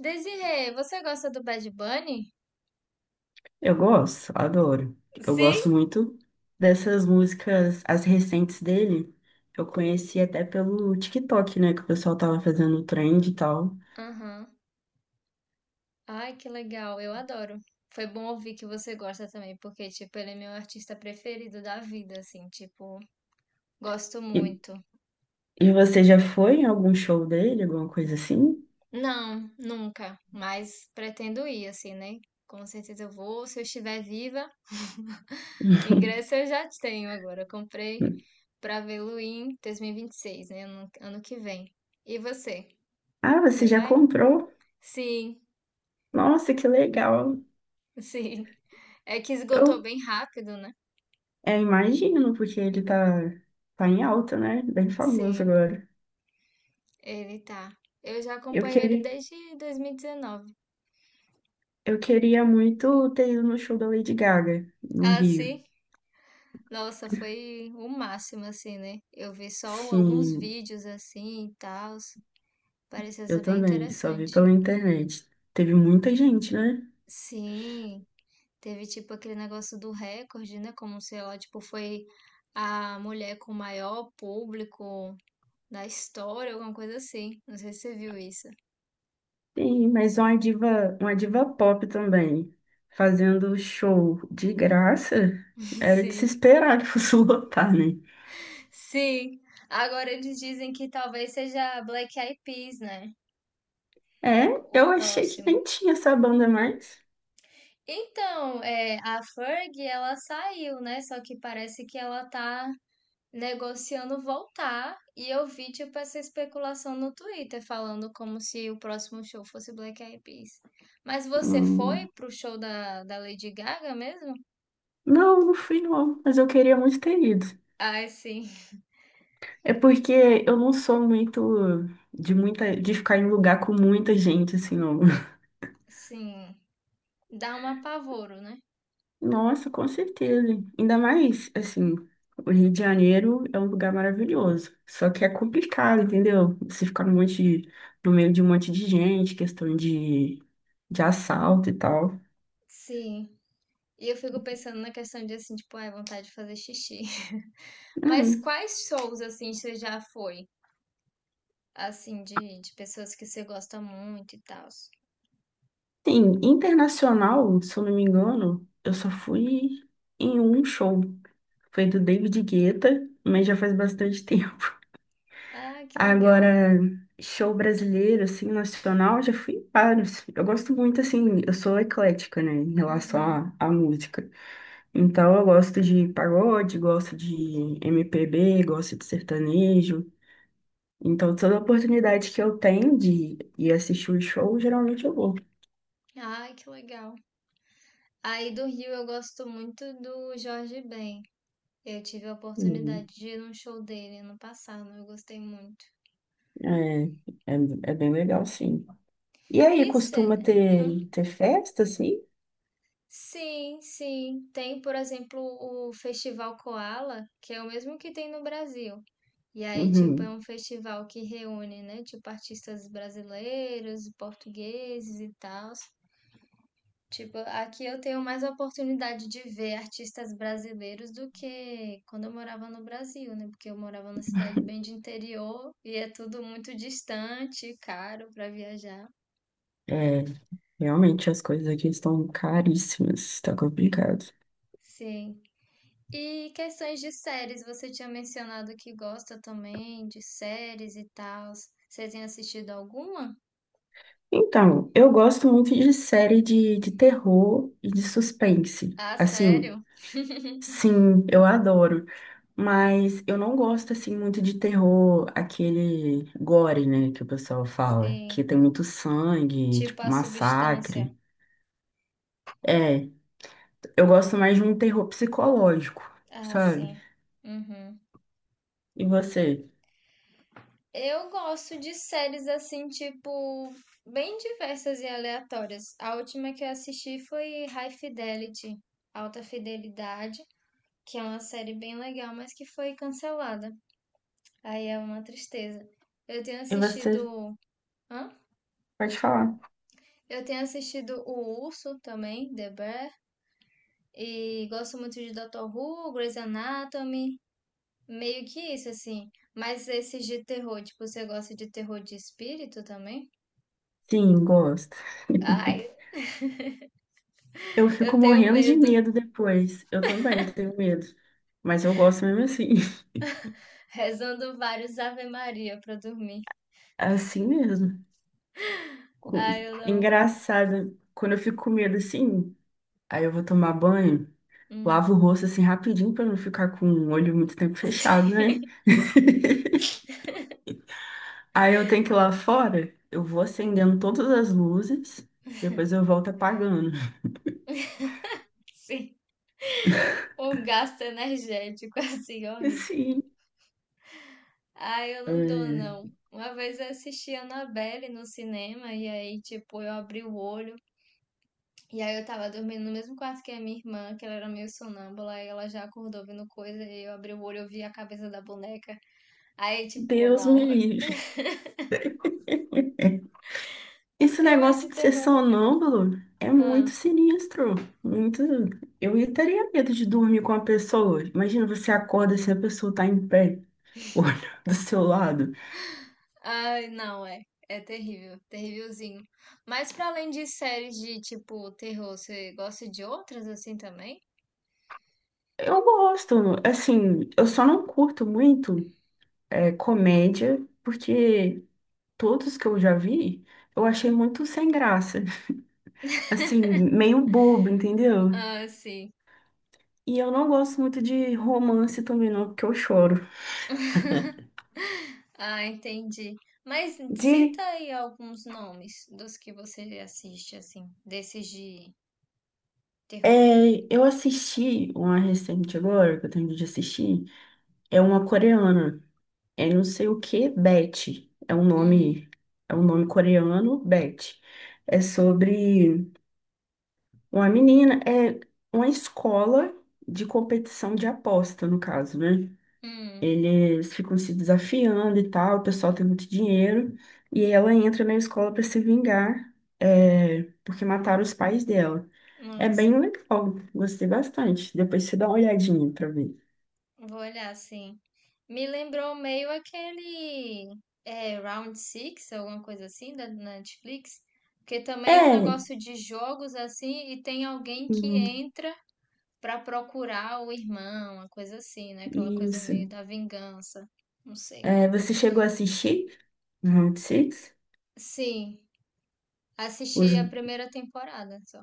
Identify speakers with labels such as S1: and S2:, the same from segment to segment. S1: Desirê, você gosta do Bad Bunny?
S2: Eu gosto, adoro. Eu
S1: Sim?
S2: gosto muito dessas músicas, as recentes dele. Eu conheci até pelo TikTok, né? Que o pessoal tava fazendo trend e tal.
S1: Aham. Ai, que legal, eu adoro. Foi bom ouvir que você gosta também, porque, tipo, ele é meu artista preferido da vida, assim, tipo, gosto
S2: E,
S1: muito.
S2: e você já foi em algum show dele, alguma coisa assim?
S1: Não, nunca, mas pretendo ir, assim, né? Com certeza eu vou, se eu estiver viva. Ingresso eu já tenho agora, eu comprei pra vê-lo em 2026, né? Ano que vem. E você?
S2: Ah,
S1: Você
S2: você já
S1: vai?
S2: comprou?
S1: Sim,
S2: Nossa, que legal.
S1: sim. É que esgotou
S2: Eu,
S1: bem rápido, né?
S2: Imagino, porque ele tá em alta, né? Bem famoso
S1: Sim,
S2: agora.
S1: ele tá. Eu já
S2: Eu
S1: acompanho ele
S2: queria,
S1: desde 2019.
S2: eu queria muito ter ido no show da Lady Gaga, no
S1: Ah,
S2: Rio.
S1: sim? Nossa, foi o máximo, assim, né? Eu vi só um, alguns
S2: Sim.
S1: vídeos assim e tal. Parecia
S2: Eu
S1: ser bem
S2: também, só vi
S1: interessante.
S2: pela internet. Teve muita gente, né?
S1: Sim, teve tipo aquele negócio do recorde, né? Como sei lá, tipo, foi a mulher com o maior público da história, alguma coisa assim. Não sei se você viu isso.
S2: Sim, mas uma diva pop também, fazendo show de graça, era de se
S1: Sim,
S2: esperar que fosse lotar, né?
S1: sim. Agora eles dizem que talvez seja Black Eyed Peas, né?
S2: É,
S1: O
S2: eu achei que
S1: próximo.
S2: nem tinha essa banda mais.
S1: Então, é, a Ferg, ela saiu, né? Só que parece que ela tá negociando voltar. E eu vi, tipo, essa especulação no Twitter, falando como se o próximo show fosse Black Eyed Peas. Mas você foi
S2: Hum,
S1: pro show da Lady Gaga mesmo?
S2: não, não fui não, mas eu queria muito ter ido.
S1: Ai, sim.
S2: É porque eu não sou muito de ficar em lugar com muita gente assim, não.
S1: Sim. Dá um apavoro, né?
S2: Nossa, com certeza. Ainda mais, assim, o Rio de Janeiro é um lugar maravilhoso. Só que é complicado, entendeu? Você ficar no meio de um monte de gente, de assalto e tal.
S1: Sim. E eu fico pensando na questão de, assim, tipo, ai, vontade de fazer xixi. Mas
S2: Hum.
S1: quais shows, assim, você já foi? Assim, de pessoas que você gosta muito e tal.
S2: Sim, internacional, se eu não me engano, eu só fui em um show. Foi do David Guetta, mas já faz bastante tempo.
S1: Ah, que legal.
S2: Agora, show brasileiro, assim, nacional, já fui em vários. Eu gosto muito, assim, eu sou eclética, né, em relação
S1: Uhum.
S2: à música. Então, eu gosto de pagode, gosto de MPB, gosto de sertanejo. Então, toda oportunidade que eu tenho de ir assistir o show, geralmente eu vou.
S1: Ai, que legal. Aí do Rio eu gosto muito do Jorge Ben. Eu tive a oportunidade
S2: Hum.
S1: de ir num show dele ano passado, eu gostei muito.
S2: É, é, É bem legal, sim. E aí,
S1: E cê...
S2: costuma
S1: Hã?
S2: ter, ter festa, assim?
S1: Sim, sim. Tem, por exemplo, o Festival Koala, que é o mesmo que tem no Brasil. E aí, tipo, é
S2: Uhum.
S1: um festival que reúne, né, tipo, artistas brasileiros, portugueses e tal. Tipo, aqui eu tenho mais oportunidade de ver artistas brasileiros do que quando eu morava no Brasil, né? Porque eu morava numa cidade bem de interior e é tudo muito distante, e caro para viajar.
S2: É, realmente as coisas aqui estão caríssimas, tá complicado.
S1: Sim. E questões de séries, você tinha mencionado que gosta também de séries e tal. Você tem assistido alguma?
S2: Então, eu gosto muito de série de terror e de suspense.
S1: Ah,
S2: Assim,
S1: sério?
S2: sim, eu adoro. Mas eu não gosto, assim, muito de terror, aquele gore, né, que o pessoal fala. Que
S1: Sim.
S2: tem muito sangue,
S1: Tipo
S2: tipo,
S1: a Substância.
S2: massacre. É, eu gosto mais de um terror psicológico,
S1: Ah,
S2: sabe?
S1: sim. Uhum.
S2: E você?
S1: Eu gosto de séries assim, tipo, bem diversas e aleatórias. A última que eu assisti foi High Fidelity, Alta Fidelidade, que é uma série bem legal, mas que foi cancelada. Aí é uma tristeza. Eu tenho
S2: E você
S1: assistido. Hã?
S2: pode falar.
S1: Eu tenho assistido O Urso também, The Bear, e gosto muito de Doutor Who, Grey's Anatomy, meio que isso, assim. Mas esses de terror, tipo, você gosta de terror de espírito também?
S2: Sim, gosto.
S1: Ai,
S2: Eu
S1: eu
S2: fico
S1: tenho
S2: morrendo de
S1: medo.
S2: medo depois. Eu também tenho medo. Mas eu gosto mesmo assim.
S1: Rezando vários Ave Maria pra dormir.
S2: Assim mesmo.
S1: Ah, eu não.
S2: Engraçado. Quando eu fico com medo assim, aí eu vou tomar banho, lavo
S1: Hum.
S2: o rosto assim rapidinho pra não ficar com o olho muito tempo fechado,
S1: Sim,
S2: né? Aí eu tenho que ir lá fora, eu vou acendendo todas as luzes, depois eu volto apagando.
S1: sim. Um gasto energético assim
S2: E
S1: horrível.
S2: sim
S1: Ah, eu não dou,
S2: é,
S1: não. Uma vez eu assisti a Annabelle no cinema e aí, tipo, eu abri o olho e aí eu tava dormindo no mesmo quarto que a minha irmã, que ela era meio sonâmbula e ela já acordou vendo coisa e eu abri o olho e eu vi a cabeça da boneca. Aí, tipo,
S2: Deus me
S1: não.
S2: livre. Esse
S1: Filmes
S2: negócio
S1: de
S2: de ser
S1: terror não é.
S2: sonâmbulo é muito
S1: Ah.
S2: sinistro. Muito. Eu teria medo de dormir com a pessoa. Imagina, você acorda assim, a pessoa tá em pé. Olho do seu lado.
S1: Ai, não, é. É terrível, terrívelzinho. Mas pra além de séries de tipo terror, você gosta de outras assim também?
S2: Eu gosto, assim, eu só não curto muito comédia, porque todos que eu já vi, eu achei muito sem graça, assim, meio bobo, entendeu?
S1: Ah, sim.
S2: E eu não gosto muito de romance também não, porque eu choro.
S1: Ah, entendi. Mas
S2: De,
S1: cita aí alguns nomes dos que você assiste assim, desses de terror.
S2: eu assisti uma recente agora, que eu tenho de assistir, é uma coreana, é não sei o que, Betty,
S1: Uhum.
S2: é um nome coreano, Betty. É sobre uma menina, é uma escola de competição de aposta, no caso, né?
S1: Hum,
S2: Eles ficam se desafiando e tal, o pessoal tem muito dinheiro, e ela entra na escola para se vingar, é, porque mataram os pais dela. É bem
S1: nossa,
S2: legal, gostei bastante. Depois você dá uma olhadinha para ver.
S1: vou olhar sim. Me lembrou meio aquele, é, Round Six, alguma coisa assim, da Netflix, que também é um
S2: É,
S1: negócio de jogos assim, e tem alguém que
S2: hum,
S1: entra pra procurar o irmão, uma coisa assim, né? Aquela coisa
S2: isso.
S1: meio da vingança, não sei.
S2: É, você chegou a assistir Round Six?
S1: Sim,
S2: Os...
S1: assisti a primeira temporada só.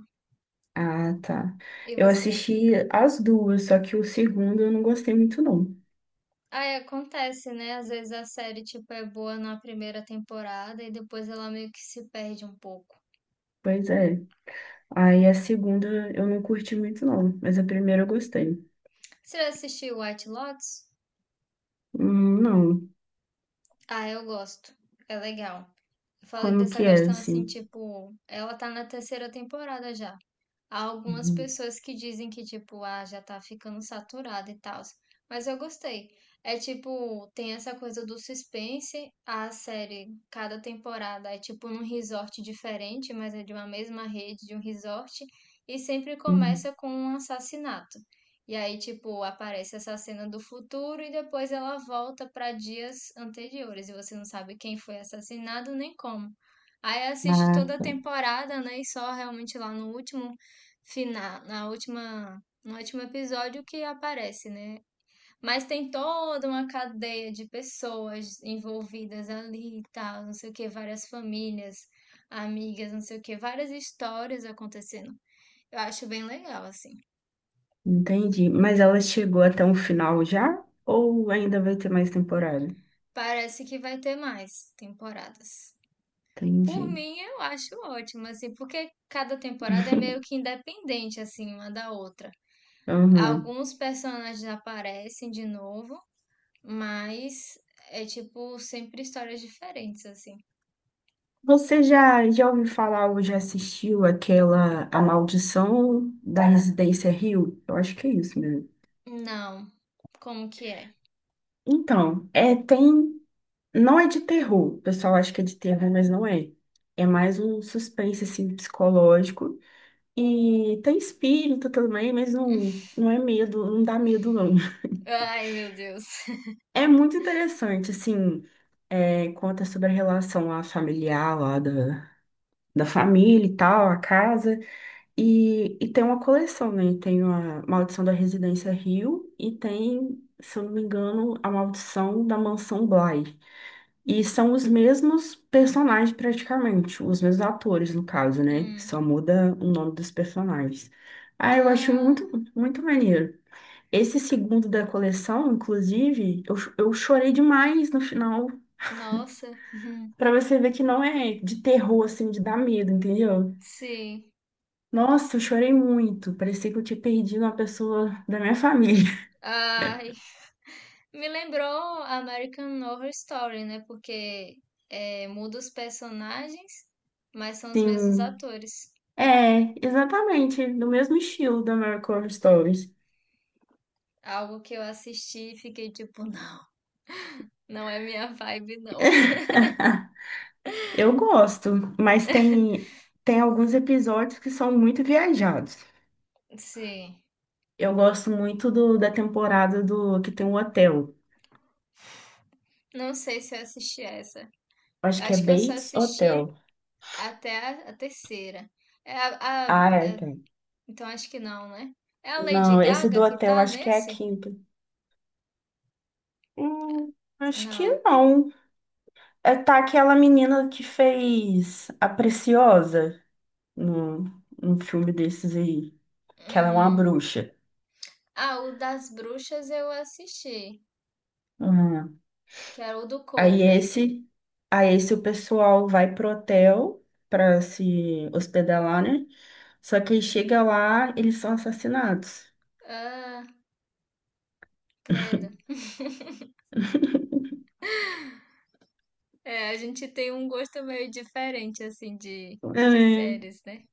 S2: Ah, tá.
S1: E
S2: Eu
S1: você?
S2: assisti as duas, só que o segundo eu não gostei muito, não.
S1: Ah, é, acontece, né? Às vezes a série, tipo, é boa na primeira temporada e depois ela meio que se perde um pouco.
S2: Pois é. Aí a segunda eu não curti muito, não. Mas a primeira eu gostei.
S1: Você já assistiu White Lotus?
S2: Não.
S1: Ah, eu gosto. É legal. Eu falei
S2: Como
S1: dessa
S2: que é,
S1: questão assim,
S2: assim?
S1: tipo, ela tá na terceira temporada já. Há algumas
S2: Uhum,
S1: pessoas que dizem que, tipo, ah, já tá ficando saturado e tal. Mas eu gostei. É tipo, tem essa coisa do suspense. A série, cada temporada é tipo num resort diferente, mas é de uma mesma rede, de um resort. E sempre
S2: uhum.
S1: começa com um assassinato. E aí, tipo, aparece essa cena do futuro e depois ela volta pra dias anteriores. E você não sabe quem foi assassinado nem como. Aí assiste
S2: Ah,
S1: toda a
S2: tá.
S1: temporada, né? E só realmente lá no último, na última, no último episódio que aparece, né? Mas tem toda uma cadeia de pessoas envolvidas ali e tal, não sei o que, várias famílias, amigas, não sei o que, várias histórias acontecendo. Eu acho bem legal, assim.
S2: Entendi. Mas ela chegou até um final já? Ou ainda vai ter mais temporada?
S1: Parece que vai ter mais temporadas. Por
S2: Entendi.
S1: mim, eu acho ótimo, assim, porque cada temporada é meio que independente, assim, uma da outra.
S2: Uhum.
S1: Alguns personagens aparecem de novo, mas é tipo sempre histórias diferentes, assim.
S2: Você já, já ouviu falar ou já assistiu aquela A Maldição da Residência Rio? Eu acho que é isso mesmo.
S1: Não. Como que é?
S2: Então, é, tem. Não é de terror, o pessoal acha que é de terror, mas não é. É mais um suspense, assim, psicológico. E tem espírito também, mas não, não é medo, não dá medo, não.
S1: Ai, meu Deus.
S2: É muito interessante, assim, é, conta sobre a relação lá familiar, da família e tal, a casa. E tem uma coleção, né? Tem a Maldição da Residência Rio e tem, se eu não me engano, a Maldição da Mansão Bly. E são os mesmos personagens praticamente, os mesmos atores no caso, né?
S1: Hum.
S2: Só muda o nome dos personagens. Ah, eu acho muito,
S1: Ah,
S2: muito maneiro. Esse segundo da coleção, inclusive, eu chorei demais no final.
S1: nossa.
S2: Pra você ver que não é de terror, assim, de dar medo, entendeu?
S1: Sim.
S2: Nossa, eu chorei muito. Parecia que eu tinha perdido uma pessoa da minha família.
S1: Ai, me lembrou American Horror Story, né? Porque, é, muda os personagens, mas são os mesmos
S2: Sim,
S1: atores.
S2: é, exatamente, do mesmo estilo da American Horror Stories.
S1: Algo que eu assisti e fiquei tipo, não, não é minha vibe, não.
S2: Eu gosto, mas tem alguns episódios que são muito viajados.
S1: Sim.
S2: Eu gosto muito da temporada do que tem um hotel.
S1: Não sei se eu assisti essa.
S2: Acho que é
S1: Acho que eu só
S2: Bates
S1: assisti
S2: Hotel.
S1: até a terceira. É a.
S2: Ah, é, tem.
S1: Então acho que não, né? É a Lady
S2: Não, esse do
S1: Gaga que
S2: hotel
S1: tá
S2: acho que é a
S1: nesse?
S2: quinta. Hum, acho que
S1: Não.
S2: não. É, tá aquela menina que fez a Preciosa no, no filme desses aí, que ela é uma
S1: Hum.
S2: bruxa.
S1: Ah, o das bruxas eu assisti, que era o do
S2: Aí
S1: Coven.
S2: esse, aí esse o pessoal vai pro hotel para se hospedar lá, né? Só que aí chega lá, eles são assassinados.
S1: Ah, credo. É, a gente tem um gosto meio diferente, assim, de
S2: É.
S1: séries, né?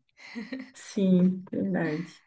S2: Sim, verdade.